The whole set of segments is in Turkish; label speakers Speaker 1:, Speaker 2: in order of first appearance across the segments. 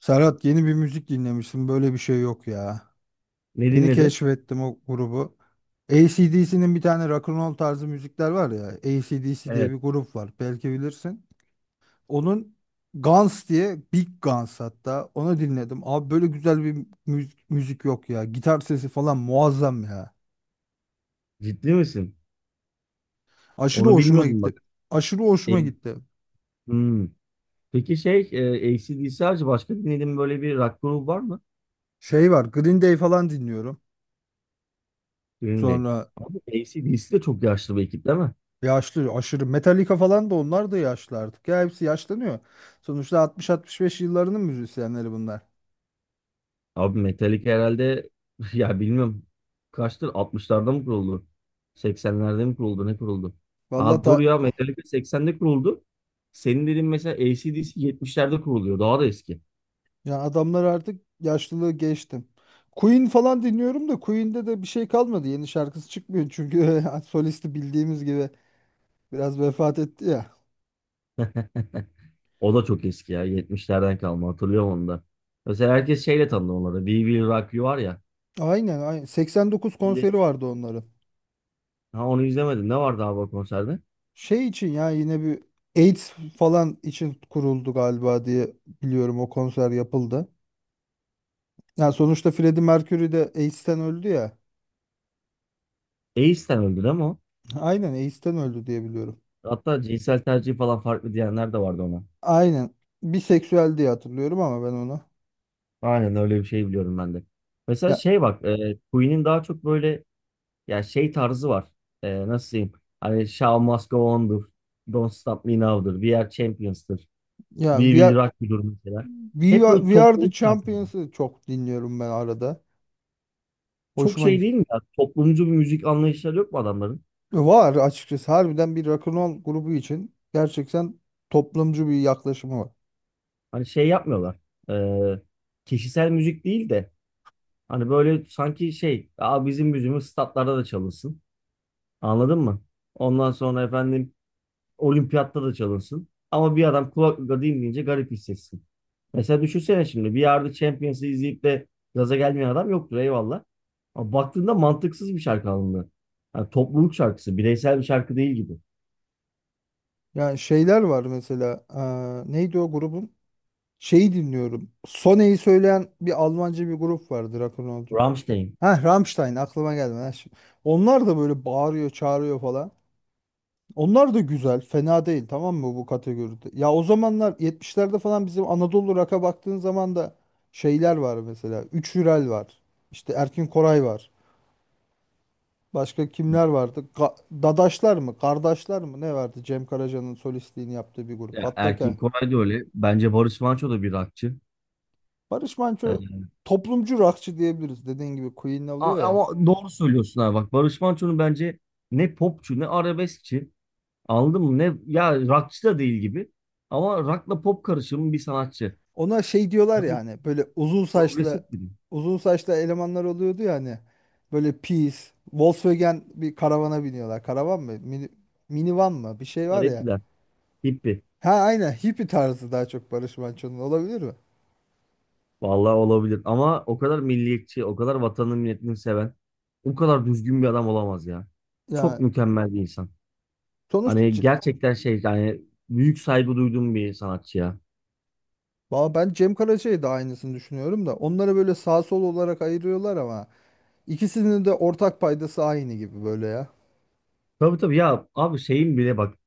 Speaker 1: Serhat yeni bir müzik dinlemişsin. Böyle bir şey yok ya.
Speaker 2: Ne
Speaker 1: Yeni
Speaker 2: dinledin?
Speaker 1: keşfettim o grubu. AC/DC'nin bir tane rock and roll tarzı müzikler var ya. AC/DC diye
Speaker 2: Evet.
Speaker 1: bir grup var. Belki bilirsin. Onun Guns diye Big Guns hatta onu dinledim. Abi böyle güzel bir müzik, müzik yok ya. Gitar sesi falan muazzam ya.
Speaker 2: Ciddi misin?
Speaker 1: Aşırı
Speaker 2: Onu
Speaker 1: hoşuma
Speaker 2: bilmiyordum
Speaker 1: gitti.
Speaker 2: bak.
Speaker 1: Aşırı
Speaker 2: E,
Speaker 1: hoşuma gitti.
Speaker 2: hmm. Peki şey AC/DC harici başka dinlediğin böyle bir rock grubu var mı?
Speaker 1: Şey var, Green Day falan dinliyorum.
Speaker 2: Green Day.
Speaker 1: Sonra.
Speaker 2: Abi AC/DC de çok yaşlı bir ekip değil mi?
Speaker 1: Yaşlı, aşırı Metallica falan, da onlar da yaşlı artık. Ya hepsi yaşlanıyor. Sonuçta 60-65 yıllarının müzisyenleri bunlar.
Speaker 2: Abi Metallica herhalde ya bilmiyorum kaçtır 60'larda mı kuruldu? 80'lerde mi kuruldu? Ne kuruldu?
Speaker 1: Vallahi
Speaker 2: Ha
Speaker 1: ta,
Speaker 2: dur ya Metallica 80'de kuruldu. Senin dediğin mesela AC/DC 70'lerde kuruluyor. Daha da eski.
Speaker 1: ya adamlar artık yaşlılığı geçtim. Queen falan dinliyorum da Queen'de de bir şey kalmadı. Yeni şarkısı çıkmıyor çünkü solisti bildiğimiz gibi biraz vefat etti ya.
Speaker 2: O da çok eski ya. 70'lerden kalma. Hatırlıyorum onu da. Mesela herkes şeyle tanıdı onları. We Will Rock You var ya.
Speaker 1: Aynen, aynen. 89
Speaker 2: Şimdi,
Speaker 1: konseri vardı onların.
Speaker 2: ha onu izlemedim. Ne vardı abi o konserde?
Speaker 1: Şey için ya, yine bir AIDS falan için kuruldu galiba diye biliyorum o konser yapıldı. Yani sonuçta Freddie Mercury de AIDS'ten öldü ya.
Speaker 2: Ace'ten öldü değil mi o?
Speaker 1: Aynen AIDS'ten öldü diye biliyorum.
Speaker 2: Hatta cinsel tercih falan farklı diyenler de vardı ona.
Speaker 1: Aynen. Biseksüel diye hatırlıyorum ama ben onu.
Speaker 2: Aynen öyle bir şey biliyorum ben de. Mesela
Speaker 1: Ya
Speaker 2: şey bak. Queen'in daha çok böyle ya şey tarzı var. Nasıl diyeyim? Hani Show Must Go On'dur. Don't Stop Me Now'dur. We Are Champions'tır.
Speaker 1: ya
Speaker 2: We
Speaker 1: We
Speaker 2: Will
Speaker 1: Are,
Speaker 2: Rock You'dur mesela.
Speaker 1: We
Speaker 2: Hep
Speaker 1: Are,
Speaker 2: böyle
Speaker 1: We Are the
Speaker 2: toplayıp şarkı.
Speaker 1: Champions'ı çok dinliyorum ben arada.
Speaker 2: Çok
Speaker 1: Hoşuma
Speaker 2: şey
Speaker 1: gi-
Speaker 2: değil mi ya? Toplumcu bir müzik anlayışları yok mu adamların?
Speaker 1: var açıkçası. Harbiden bir rock'n'roll grubu için gerçekten toplumcu bir yaklaşımı var.
Speaker 2: Hani şey yapmıyorlar. Ee, Kişisel müzik değil de hani böyle sanki şey, Aa, bizim müziğimiz statlarda da çalınsın. Anladın mı? Ondan sonra efendim olimpiyatta da çalınsın. Ama bir adam kulaklıkla dinleyince garip hissetsin. Mesela düşünsene şimdi bir yerde Champions'ı izleyip de gaza gelmeyen adam yoktur eyvallah. Ama baktığında mantıksız bir şarkı alındı. Yani topluluk şarkısı, bireysel bir şarkı değil gibi.
Speaker 1: Yani şeyler var mesela. Neydi o grubun? Şeyi dinliyorum. Sone'yi söyleyen bir Almanca bir grup vardı rock'n'rollcu.
Speaker 2: Rammstein.
Speaker 1: Ha, Rammstein aklıma geldi. Ha, şimdi- Onlar da böyle bağırıyor, çağırıyor falan. Onlar da güzel, fena değil, tamam mı bu kategoride? Ya, o zamanlar 70'lerde falan bizim Anadolu rock'a baktığın zaman da şeyler var mesela. Üç Hürel var. İşte Erkin Koray var. Başka kimler vardı? Ga- Dadaşlar mı? Kardeşler mi? Ne vardı? Cem Karaca'nın solistliğini yaptığı bir grup.
Speaker 2: Ya
Speaker 1: Hatta ke-
Speaker 2: Erkin Koray da öyle. Bence Barış Manço da bir rockçı.
Speaker 1: Barış
Speaker 2: Ee,
Speaker 1: Manço toplumcu rockçı diyebiliriz. Dediğin gibi Queen
Speaker 2: a-
Speaker 1: oluyor ya.
Speaker 2: ama doğru söylüyorsun abi. Bak Barış Manço'nun bence ne popçu ne arabeskçi. Anladın mı? Ne ya rockçı da değil gibi. Ama rockla pop karışımı bir sanatçı.
Speaker 1: Ona şey diyorlar ya,
Speaker 2: Abi
Speaker 1: hani böyle uzun saçlı,
Speaker 2: progresif biri.
Speaker 1: uzun saçlı elemanlar oluyordu ya, hani böyle pis Volkswagen bir karavana biniyorlar. Karavan mı? Minivan mı? Bir şey var ya.
Speaker 2: Garipler. Hippi.
Speaker 1: Ha, aynen hippie tarzı daha çok Barış Manço'nun olabilir mi?
Speaker 2: Vallahi olabilir. Ama o kadar milliyetçi, o kadar vatanını milletini seven, o kadar düzgün bir adam olamaz ya. Çok
Speaker 1: Ya
Speaker 2: mükemmel bir insan.
Speaker 1: sonuçta
Speaker 2: Hani
Speaker 1: C-
Speaker 2: gerçekten şey yani büyük saygı duyduğum bir sanatçı ya.
Speaker 1: Valla ben Cem Karaca'yı da aynısını düşünüyorum da onları böyle sağ sol olarak ayırıyorlar ama ikisinin de ortak paydası aynı gibi böyle ya.
Speaker 2: Tabii tabii ya abi şeyin bile bak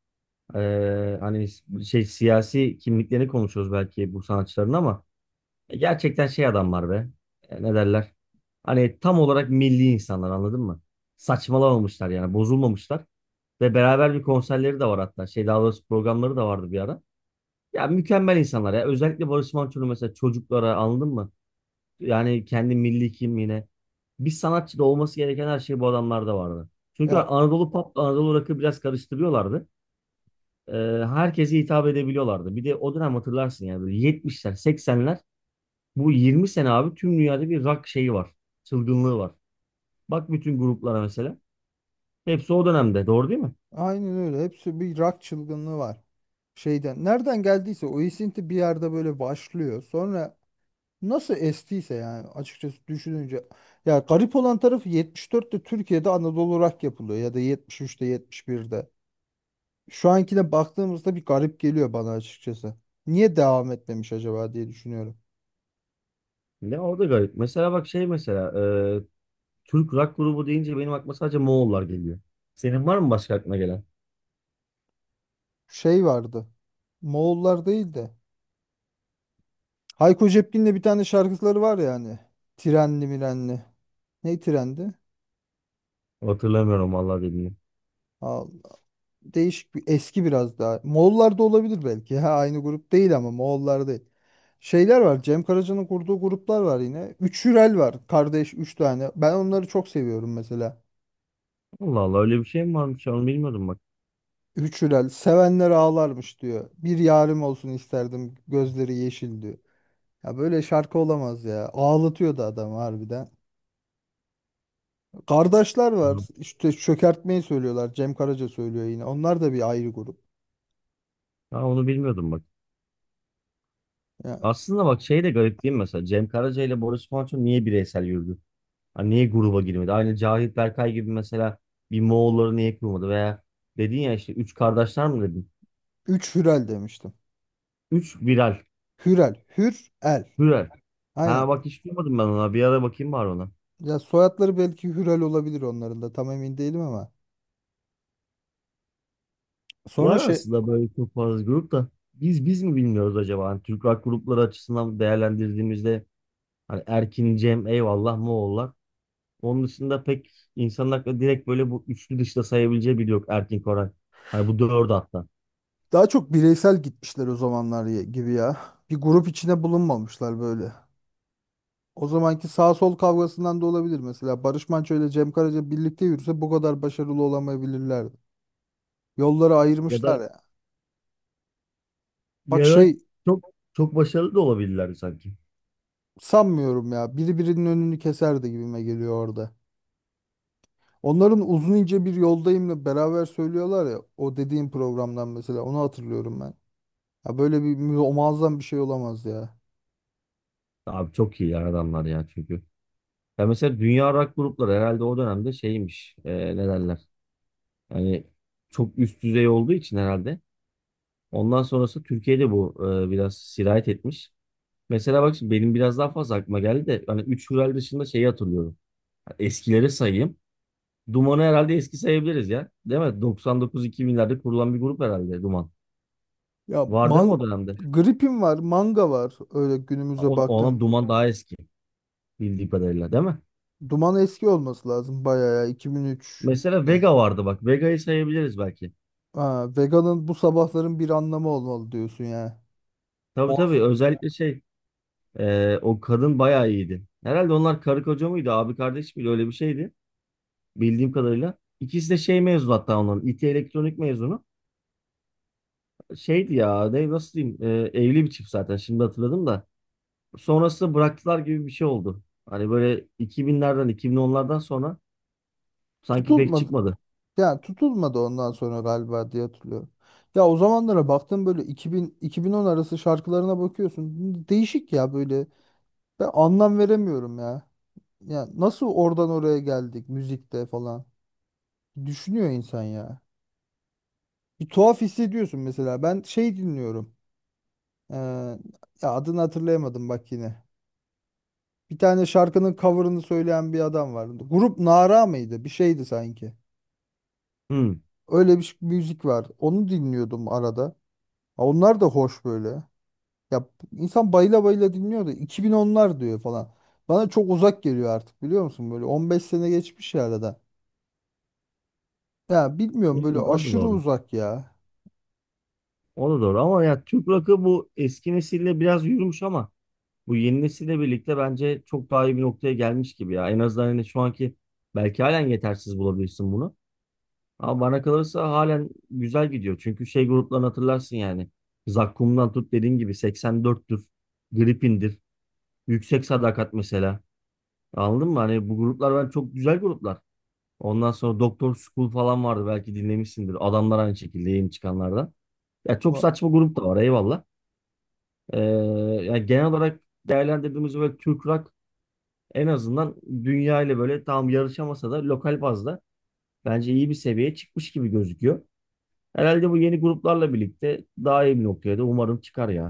Speaker 2: hani şey siyasi kimliklerini konuşuyoruz belki bu sanatçıların ama gerçekten şey adamlar be. Ne derler hani tam olarak milli insanlar anladın mı? Saçmalamamışlar yani bozulmamışlar ve beraber bir konserleri de var hatta şey daha doğrusu programları da vardı bir ara. Ya mükemmel insanlar ya özellikle Barış Manço'nun mesela çocuklara anladın mı? Yani kendi milli kimliğine bir sanatçıda olması gereken her şey bu adamlarda vardı. Çünkü
Speaker 1: Ya,
Speaker 2: Anadolu pop Anadolu rock'ı biraz karıştırıyorlardı e, herkese hitap edebiliyorlardı. Bir de o dönem hatırlarsın yani böyle 70'ler, 80'ler bu 20 sene abi tüm dünyada bir rock şeyi var. Çılgınlığı var. Bak bütün gruplara mesela. Hepsi o dönemde. Doğru değil mi?
Speaker 1: aynen öyle. Hepsi bir rock çılgınlığı var. Şeyden, nereden geldiyse o esinti bir yerde böyle başlıyor. Sonra nasıl estiyse, yani açıkçası düşününce, ya garip olan tarafı yetmiş dörtte Türkiye'de Anadolu rock yapılıyor ya da 73'te, birde şu ankine baktığımızda bir garip geliyor bana açıkçası. Niye devam etmemiş acaba diye düşünüyorum.
Speaker 2: Ne orada garip. Mesela bak şey mesela e, Türk rock grubu deyince benim aklıma sadece Moğollar geliyor. Senin var mı başka aklına gelen?
Speaker 1: Şey vardı. Moğollar değil de. Hayko Cepkin'le bir tane şarkıları var ya hani. Trenli mirenli. Ne trendi?
Speaker 2: Hatırlamıyorum vallahi dediğini.
Speaker 1: Al, değişik bir eski biraz daha. Moğollar da olabilir belki. Ha, aynı grup değil ama Moğollar değil. Şeyler var. Cem Karaca'nın kurduğu gruplar var yine. Üç Hürel var. Kardeş üç tane. Ben onları çok seviyorum mesela.
Speaker 2: Allah Allah öyle bir şey mi varmış? Onu bilmiyordum bak.
Speaker 1: Üç Hürel. Sevenler ağlarmış diyor. Bir yarim olsun isterdim. Gözleri yeşil diyor. Ya, böyle şarkı olamaz ya. Ağlatıyordu adam harbiden. Kardeşler var. İşte çökertmeyi söylüyorlar. Cem Karaca söylüyor yine. Onlar da bir ayrı grup.
Speaker 2: Ha, onu bilmiyordum bak.
Speaker 1: Ya,
Speaker 2: Aslında bak şey de garip değil mi mesela? Cem Karaca ile Boris Manço niye bireysel yürüdü? Hani niye gruba girmedi? Aynı Cahit Berkay gibi mesela bir Moğolları niye kurmadı? Veya dedin ya işte üç kardeşler mi dedin?
Speaker 1: üç Hürel demiştim.
Speaker 2: Üç viral.
Speaker 1: Hürel. Hürel.
Speaker 2: Viral.
Speaker 1: Aynen.
Speaker 2: Ha bak hiç duymadım ben ona. Bir ara bakayım var ona.
Speaker 1: Ya, soyadları belki Hürel olabilir onların da. Tam emin değilim ama.
Speaker 2: Var
Speaker 1: Sonra şey,
Speaker 2: aslında böyle çok fazla grup da biz mi bilmiyoruz acaba? Hani Türk rock grupları açısından değerlendirdiğimizde hani Erkin, Cem, eyvallah Moğollar. Onun dışında pek insanın aklına direkt böyle bu üçlü dışta sayabileceği biri yok Erkin Koray. Hani bu dördü hatta.
Speaker 1: daha çok bireysel gitmişler o zamanlar ya- gibi ya. Bir grup içine bulunmamışlar böyle. O zamanki sağ sol kavgasından da olabilir mesela. Barış Manço ile Cem Karaca birlikte yürüse bu kadar başarılı olamayabilirlerdi. Yolları
Speaker 2: Ya da
Speaker 1: ayırmışlar ya. Bak
Speaker 2: ya da
Speaker 1: şey.
Speaker 2: çok çok başarılı da olabilirler sanki.
Speaker 1: Sanmıyorum ya. Biri birinin önünü keserdi gibime geliyor orada. Onların Uzun ince bir Yoldayım'la beraber söylüyorlar ya. O dediğim programdan mesela onu hatırlıyorum ben. Ya böyle bir mü- muazzam bir şey olamaz ya.
Speaker 2: Abi çok iyi ya adamlar ya çünkü. Ya mesela dünya rock grupları herhalde o dönemde şeymiş. Ne derler? Yani çok üst düzey olduğu için herhalde. Ondan sonrası Türkiye'de bu biraz sirayet etmiş. Mesela bak şimdi benim biraz daha fazla aklıma geldi de hani 3 Hürel dışında şeyi hatırlıyorum. Eskileri sayayım. Duman'ı herhalde eski sayabiliriz ya. Değil mi? 99-2000'lerde kurulan bir grup herhalde Duman.
Speaker 1: Ya,
Speaker 2: Var değil mi
Speaker 1: man
Speaker 2: o dönemde?
Speaker 1: gripim var, manga var. Öyle günümüze baktım.
Speaker 2: Olan Duman daha eski bildiğim kadarıyla değil mi?
Speaker 1: Duman eski olması lazım bayağı ya, 2003.
Speaker 2: Mesela Vega vardı bak. Vega'yı sayabiliriz belki.
Speaker 1: Ha, veganın bu sabahların bir anlamı olmalı diyorsun ya.
Speaker 2: Tabii tabii özellikle şey o kadın bayağı iyiydi. Herhalde onlar karı koca mıydı abi kardeş miydi öyle bir şeydi bildiğim kadarıyla. İkisi de şey mezunu hatta onların İT elektronik mezunu. Şeydi ya ne, nasıl diyeyim evli bir çift zaten şimdi hatırladım da. Sonrasında bıraktılar gibi bir şey oldu. Hani böyle 2000'lerden 2010'lardan sonra sanki pek
Speaker 1: Muazzam.
Speaker 2: çıkmadı.
Speaker 1: Yani tutulmadı ondan sonra galiba diye hatırlıyorum. Ya, o zamanlara baktım böyle 2000 2010 arası şarkılarına bakıyorsun. Değişik ya böyle. Ben anlam veremiyorum ya. Ya nasıl oradan oraya geldik müzikte falan. Düşünüyor insan ya. Bir tuhaf hissediyorsun mesela. Ben şey dinliyorum. Ee, ya adını hatırlayamadım bak yine. Bir tane şarkının cover'ını söyleyen bir adam vardı. Grup Nara mıydı? Bir şeydi sanki.
Speaker 2: Hmm.
Speaker 1: Öyle bir ş- müzik var. Onu dinliyordum arada. Ha, onlar da hoş böyle. Ya insan bayıla bayıla dinliyor da 2010'lar diyor falan. Bana çok uzak geliyor artık, biliyor musun? Böyle 15 sene geçmiş ya arada. Ya
Speaker 2: O
Speaker 1: bilmiyorum, böyle
Speaker 2: da
Speaker 1: aşırı
Speaker 2: doğru.
Speaker 1: uzak ya.
Speaker 2: O da doğru ama ya Türk rock'ı bu eski nesille biraz yürümüş ama bu yeni nesille birlikte bence çok daha iyi bir noktaya gelmiş gibi ya. En azından hani şu anki belki halen yetersiz bulabilirsin bunu. Ama bana kalırsa halen güzel gidiyor. Çünkü şey gruplarını hatırlarsın yani. Zakkum'dan tut dediğin gibi 84'tür. Gripin'dir. Yüksek Sadakat mesela. Anladın mı? Hani bu gruplar ben çok güzel gruplar. Ondan sonra Doktor School falan vardı. Belki dinlemişsindir. Adamlar aynı şekilde yeni çıkanlardan. Ya çok saçma grup da var eyvallah. Ee, Yani genel olarak değerlendirdiğimiz böyle Türk rock en azından dünya ile böyle tam yarışamasa da lokal bazda bence iyi bir seviyeye çıkmış gibi gözüküyor. Herhalde bu yeni gruplarla birlikte daha iyi bir noktaya da umarım çıkar ya.